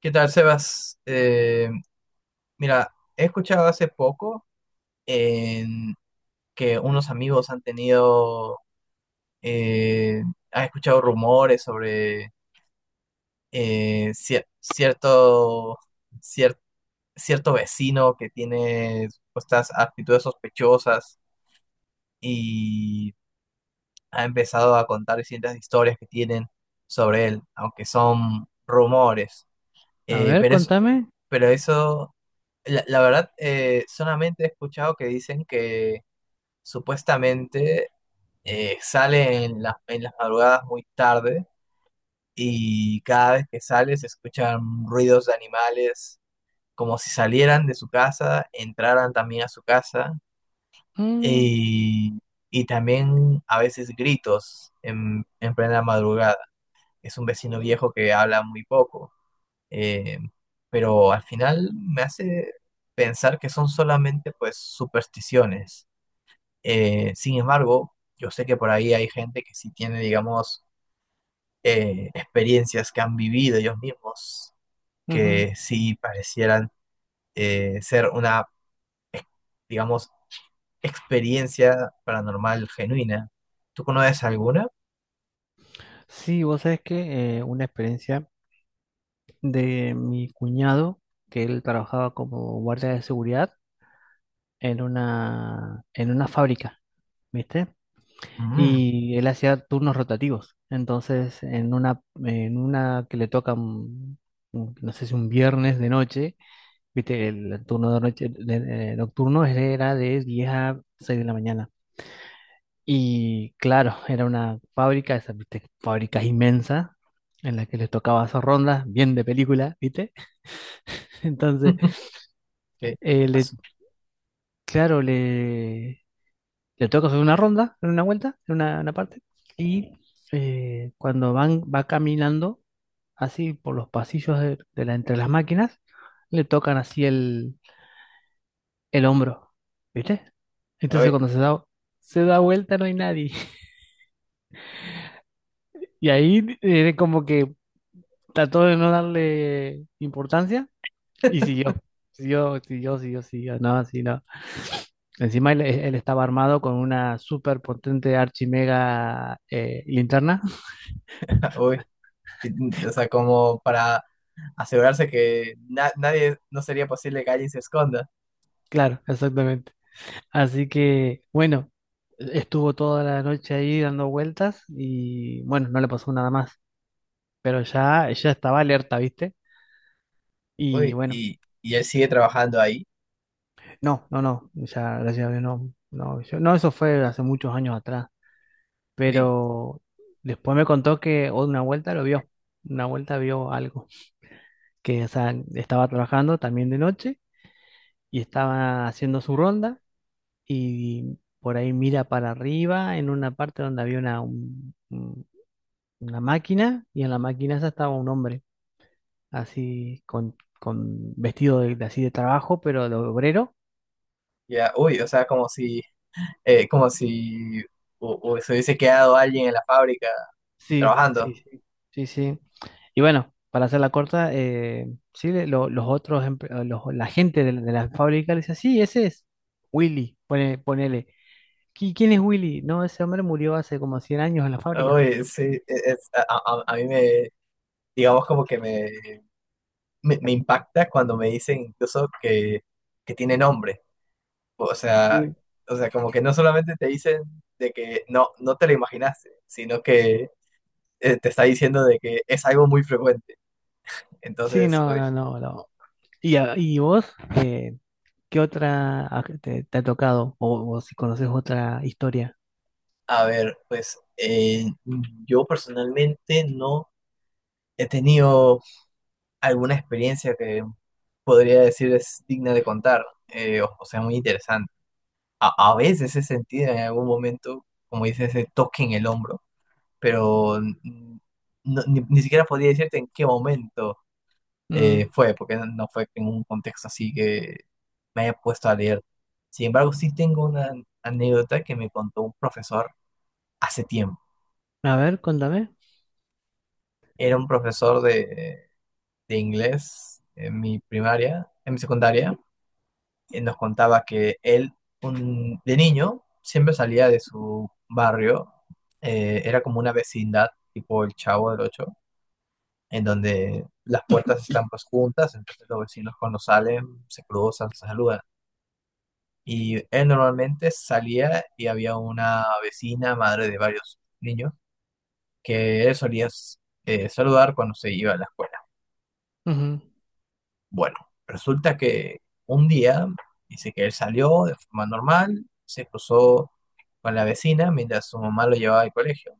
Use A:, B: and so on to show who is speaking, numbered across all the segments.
A: ¿Qué tal, Sebas? Mira, he escuchado hace poco en que unos amigos han tenido, eh, han escuchado rumores sobre eh, cier- cierto, cier- cierto vecino que tiene estas actitudes sospechosas y ha empezado a contar distintas historias que tienen sobre él, aunque son rumores.
B: A
A: Eh,
B: ver,
A: pero, es,
B: contame.
A: pero eso, la verdad, solamente he escuchado que dicen que supuestamente sale en en las madrugadas muy tarde y cada vez que sale se escuchan ruidos de animales como si salieran de su casa, entraran también a su casa
B: Mm,
A: y, y también a veces gritos en plena madrugada. Es un vecino viejo que habla muy poco. Eh, pero al final me hace pensar que son solamente pues supersticiones. Sin embargo, yo sé que por ahí hay gente que sí tiene, digamos, experiencias que han vivido ellos mismos,
B: ujú.
A: que sí parecieran ser una, ex- digamos, experiencia paranormal genuina. ¿Tú conoces alguna?
B: Sí, vos sabés que una experiencia de mi cuñado, que él trabajaba como guardia de seguridad en una fábrica, ¿viste?
A: Mm.
B: Y él hacía turnos rotativos. Entonces, en una que le toca, no sé si un viernes de noche, ¿viste? El turno de noche, nocturno era de 10 a 6 de la mañana. Y claro, era una fábrica, esa, ¿viste? Fábrica inmensa, en la que les tocaba hacer rondas, bien de película, ¿viste? Entonces,
A: Qué
B: eh, le,
A: asu-
B: claro, le toca hacer una ronda, en una vuelta, una parte, y cuando va caminando así por los pasillos de la, entre las máquinas, le tocan así el hombro, ¿viste? Entonces
A: Uy,
B: se da vuelta no hay nadie. Y ahí como que trató de no darle importancia y siguió. Siguió, siguió, siguió, siguió. No, sí, no. Encima él estaba armado con una súper potente archimega linterna.
A: uy. Y, o sea, como para asegurarse que nadie, no sería posible que alguien se esconda.
B: Claro, exactamente. Así que, bueno, estuvo toda la noche ahí dando vueltas y, bueno, no le pasó nada más. Pero ya, ya estaba alerta, ¿viste? Y
A: Uy,
B: bueno,
A: y él sigue trabajando ahí.
B: no, no, no. Ya, gracias a Dios, no. No, no, eso fue hace muchos años atrás.
A: Uy,
B: Pero después me contó que una vuelta lo vio, una vuelta vio algo, que o sea, estaba trabajando también de noche y estaba haciendo su ronda y por ahí mira para arriba en una parte donde había una, una máquina y en la máquina esa estaba un hombre así con vestido de así de trabajo, pero de obrero.
A: ya, uy, o sea, como si se hubiese quedado alguien en la fábrica
B: Sí,
A: trabajando.
B: sí, sí, sí, sí. Y bueno, para hacerla corta, sí, los otros, la gente de la fábrica le dice, sí, ese es Willy, ponele. ¿Quién es Willy? No, ese hombre murió hace como 100 años en la fábrica."
A: Uy, sí, es, a mí me, digamos como que me impacta cuando me dicen incluso que tiene nombre. O sea,
B: Mm.
A: o sea, como que no solamente te dicen de que no, no te lo imaginaste, sino que te está diciendo de que es algo muy frecuente.
B: Sí,
A: Entonces,
B: no, no,
A: pues,
B: no, no. ¿Y, y vos, qué otra te, te ha tocado? O si conoces otra historia.
A: a ver, pues yo personalmente no he tenido alguna experiencia que podría decir es digna de contar, o sea, muy interesante. A veces he sentido en algún momento, como dices, ese toque en el hombro, pero ni siquiera podría decirte en qué momento
B: Mm,
A: fue, porque no fue en un contexto así que me haya puesto a leer. Sin embargo, sí tengo una anécdota que me contó un profesor hace tiempo.
B: a ver, contame.
A: Era un profesor de inglés en mi primaria, en mi secundaria, y nos contaba que él, un, de niño, siempre salía de su barrio, era como una vecindad, tipo el Chavo del Ocho, en donde las puertas están pues juntas, entonces los vecinos cuando salen se cruzan, se saludan. Y él normalmente salía y había una vecina, madre de varios niños, que él solía saludar cuando se iba a la escuela.
B: Ujú,
A: Bueno, resulta que un día, dice que él salió de forma normal, se cruzó con la vecina mientras su mamá lo llevaba al colegio.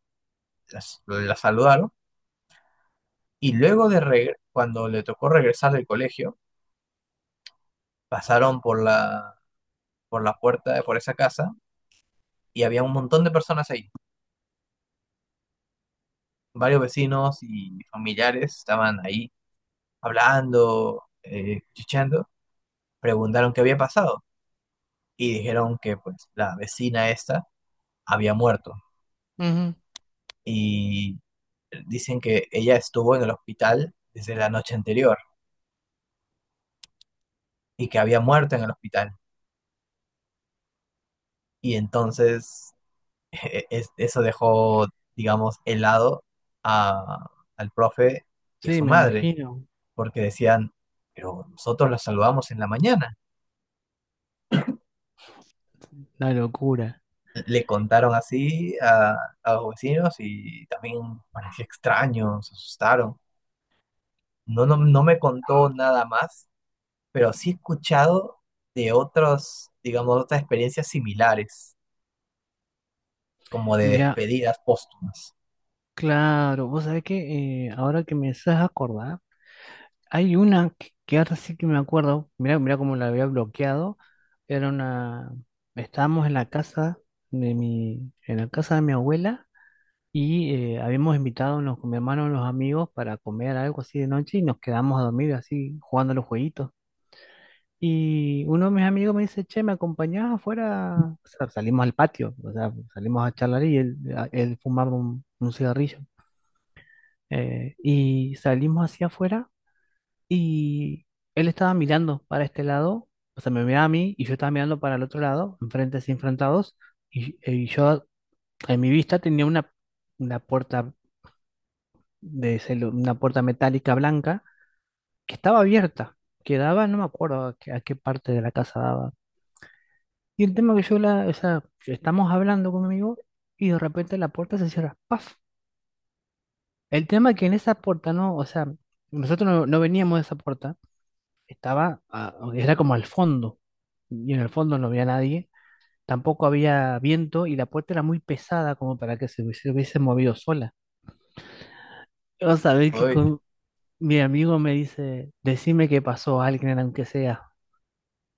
A: La saludaron y luego de cuando le tocó regresar del colegio, pasaron por por la puerta de por esa casa y había un montón de personas ahí. Varios vecinos y familiares estaban ahí hablando, chichando, preguntaron qué había pasado y dijeron que pues la vecina esta había muerto
B: ujú.
A: y dicen que ella estuvo en el hospital desde la noche anterior y que había muerto en el hospital y entonces eso dejó, digamos, helado a, al profe y a
B: Sí,
A: su
B: me
A: madre
B: imagino.
A: porque decían, pero nosotros la saludamos en la mañana,
B: La locura.
A: le contaron así a los vecinos y también parecía extraño, se asustaron. No, no, no me contó nada más, pero sí he escuchado de otros, digamos, otras experiencias similares, como de
B: Mirá,
A: despedidas póstumas.
B: claro, vos sabés que ahora que me estás acordar, hay una que ahora sí que me acuerdo, mira, mira cómo la había bloqueado, era una, estábamos en la casa de mi, en la casa de mi abuela y habíamos con mi hermano y unos amigos para comer algo así de noche y nos quedamos a dormir así jugando a los jueguitos. Y uno de mis amigos me dice, che, ¿me acompañás afuera? O sea, salimos al patio, o sea, salimos a charlar y él fumaba un cigarrillo. Y salimos hacia afuera y él estaba mirando para este lado, o sea, me miraba a mí y yo estaba mirando para el otro lado, enfrentes así enfrentados, y yo en mi vista tenía una puerta una puerta metálica blanca que estaba abierta, que daba, no me acuerdo a qué parte de la casa daba. Y el tema que yo la, o sea, estamos hablando con mi amigo y de repente la puerta se cierra, ¡paf! El tema que en esa puerta no, o sea, nosotros no, no veníamos de esa puerta. Estaba, era como al fondo, y en el fondo no había nadie, tampoco había viento y la puerta era muy pesada como para que se hubiese, hubiese movido sola. Vas a ver que
A: Uy,
B: con mi amigo me dice, decime que pasó alguien aunque sea,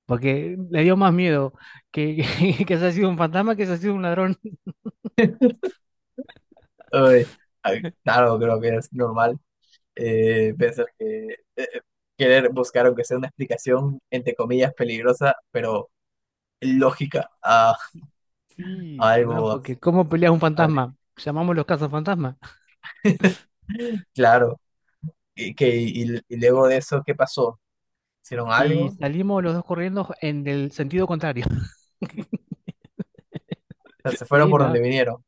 B: porque le dio más miedo que, que se ha sido un fantasma que se ha sido un ladrón.
A: uy, ay, claro, creo que es normal pensar que eh, eh, querer buscar, aunque sea una explicación, entre comillas, peligrosa, pero lógica
B: Sí,
A: a
B: no,
A: algo.
B: porque ¿cómo pelea un
A: Aceptable.
B: fantasma? Llamamos los cazafantasmas
A: Claro. Y y luego de eso, ¿qué pasó? ¿Hicieron algo?
B: y
A: O
B: salimos los dos corriendo en el sentido contrario.
A: sea, se fueron
B: Sí,
A: por donde
B: ¿no?
A: vinieron.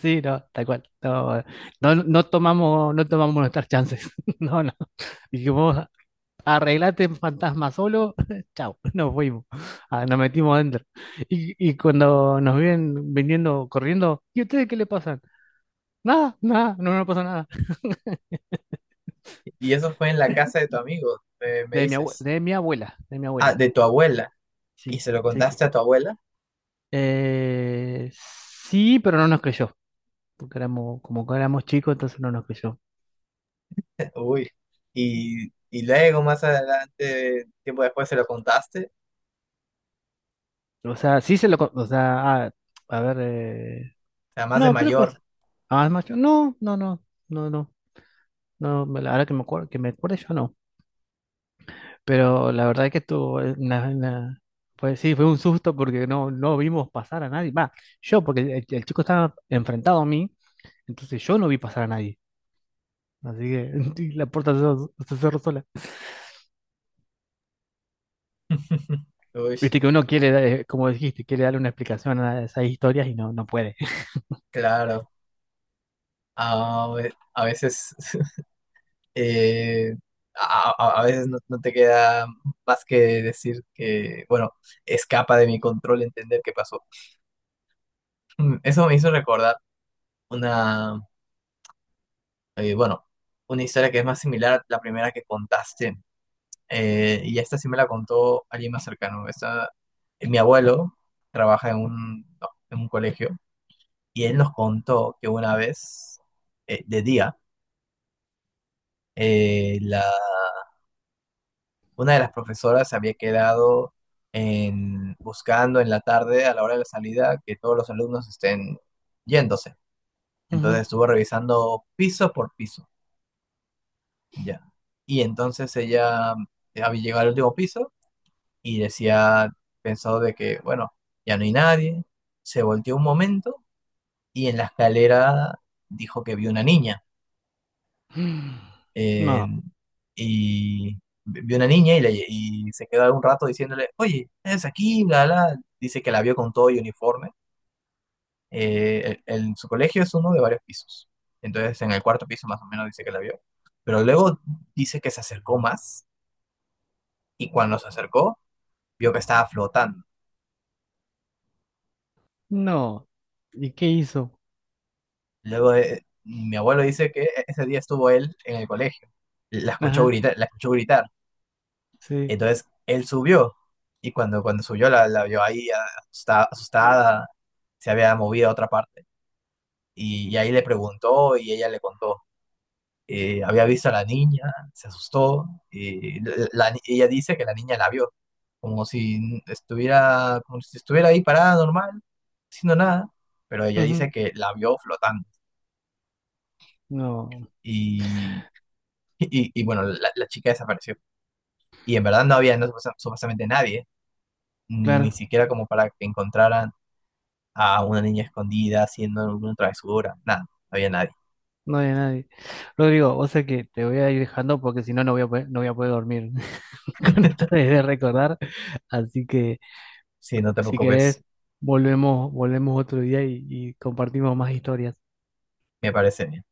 B: Sí, no, tal cual. No, no tomamos nuestras chances. No, no. Dijimos, arreglate fantasma solo, chao, nos fuimos. Ah, nos metimos adentro. Y cuando nos vienen viniendo corriendo, ¿y ustedes qué le pasan? Nada, nada, no nos pasa nada.
A: Y eso fue en la casa de tu amigo, me dices.
B: De mi abuela, de mi
A: Ah,
B: abuela.
A: de tu abuela. ¿Y
B: Sí,
A: se lo
B: sí que.
A: contaste a tu abuela?
B: Sí, pero no nos creyó. Porque éramos, como que éramos chicos, entonces no nos creyó.
A: Uy. Y luego, más adelante, tiempo después, se lo contaste.
B: O sea, O sea, a ver.
A: O sea, más de
B: No, creo que...
A: mayor.
B: Ah, es macho. No, no, no, no, no. No, la que me acuerdo yo no. Pero la verdad es que estuvo pues sí, fue un susto porque no, no vimos pasar a nadie. Va, yo, porque el chico estaba enfrentado a mí, entonces yo no vi pasar a nadie. Así que y cerró se cerró sola.
A: Uy,
B: Viste que uno quiere, dar, como dijiste, quiere darle una explicación a esas historias y no, no puede.
A: claro. A veces, eh, a, a veces no, no te queda más que decir que, bueno, escapa de mi control entender qué pasó. Eso me hizo recordar. Una, bueno, una historia que es más similar a la primera que contaste. Y esta sí me la contó alguien más cercano. Esta, mi abuelo trabaja en un, no, en un colegio y él nos contó que una vez, de día, eh, la, una de las profesoras se había quedado en, buscando en la tarde, a la hora de la salida, que todos los alumnos estén yéndose. Entonces
B: Ujú.
A: estuvo revisando piso por piso. Ya. Y entonces ella había llegado al último piso y decía, pensó de que, bueno, ya no hay nadie. Se volteó un momento y en la escalera dijo que vio una niña.
B: No,
A: En- y vio una niña y, y se quedó un rato diciéndole, oye, es aquí, bla, bla. Dice que la vio con todo y uniforme. Su colegio es uno de varios pisos. Entonces en el cuarto piso más o menos dice que la vio. Pero luego dice que se acercó más y cuando se acercó vio que estaba flotando.
B: no. ¿Y qué hizo?
A: Luego mi abuelo dice que ese día estuvo él en el colegio. La escuchó
B: Ajá,
A: gritar, la escuchó gritar.
B: sí.
A: Entonces él subió y cuando subió la vio ahí asustada, asustada, se había movido a otra parte. Y ahí le preguntó y ella le contó. Había visto a la niña, se asustó y la- la ella dice que la niña la vio, como si estuviera ahí parada normal, haciendo nada, pero ella
B: Ujú.
A: dice que la vio flotando.
B: No.
A: y, y bueno, la chica desapareció. Y en verdad no había no, supuestamente nadie, ni
B: Claro,
A: siquiera como para que encontraran a una niña escondida haciendo alguna travesura, nada, no había nadie.
B: no había nadie. Rodrigo, o sea que te voy a ir dejando porque si no, no voy a poder, no voy a poder dormir con esto de recordar. Así que
A: Sí, no te
B: si
A: preocupes,
B: querés, volvemos, volvemos otro día y compartimos más historias.
A: me parece bien.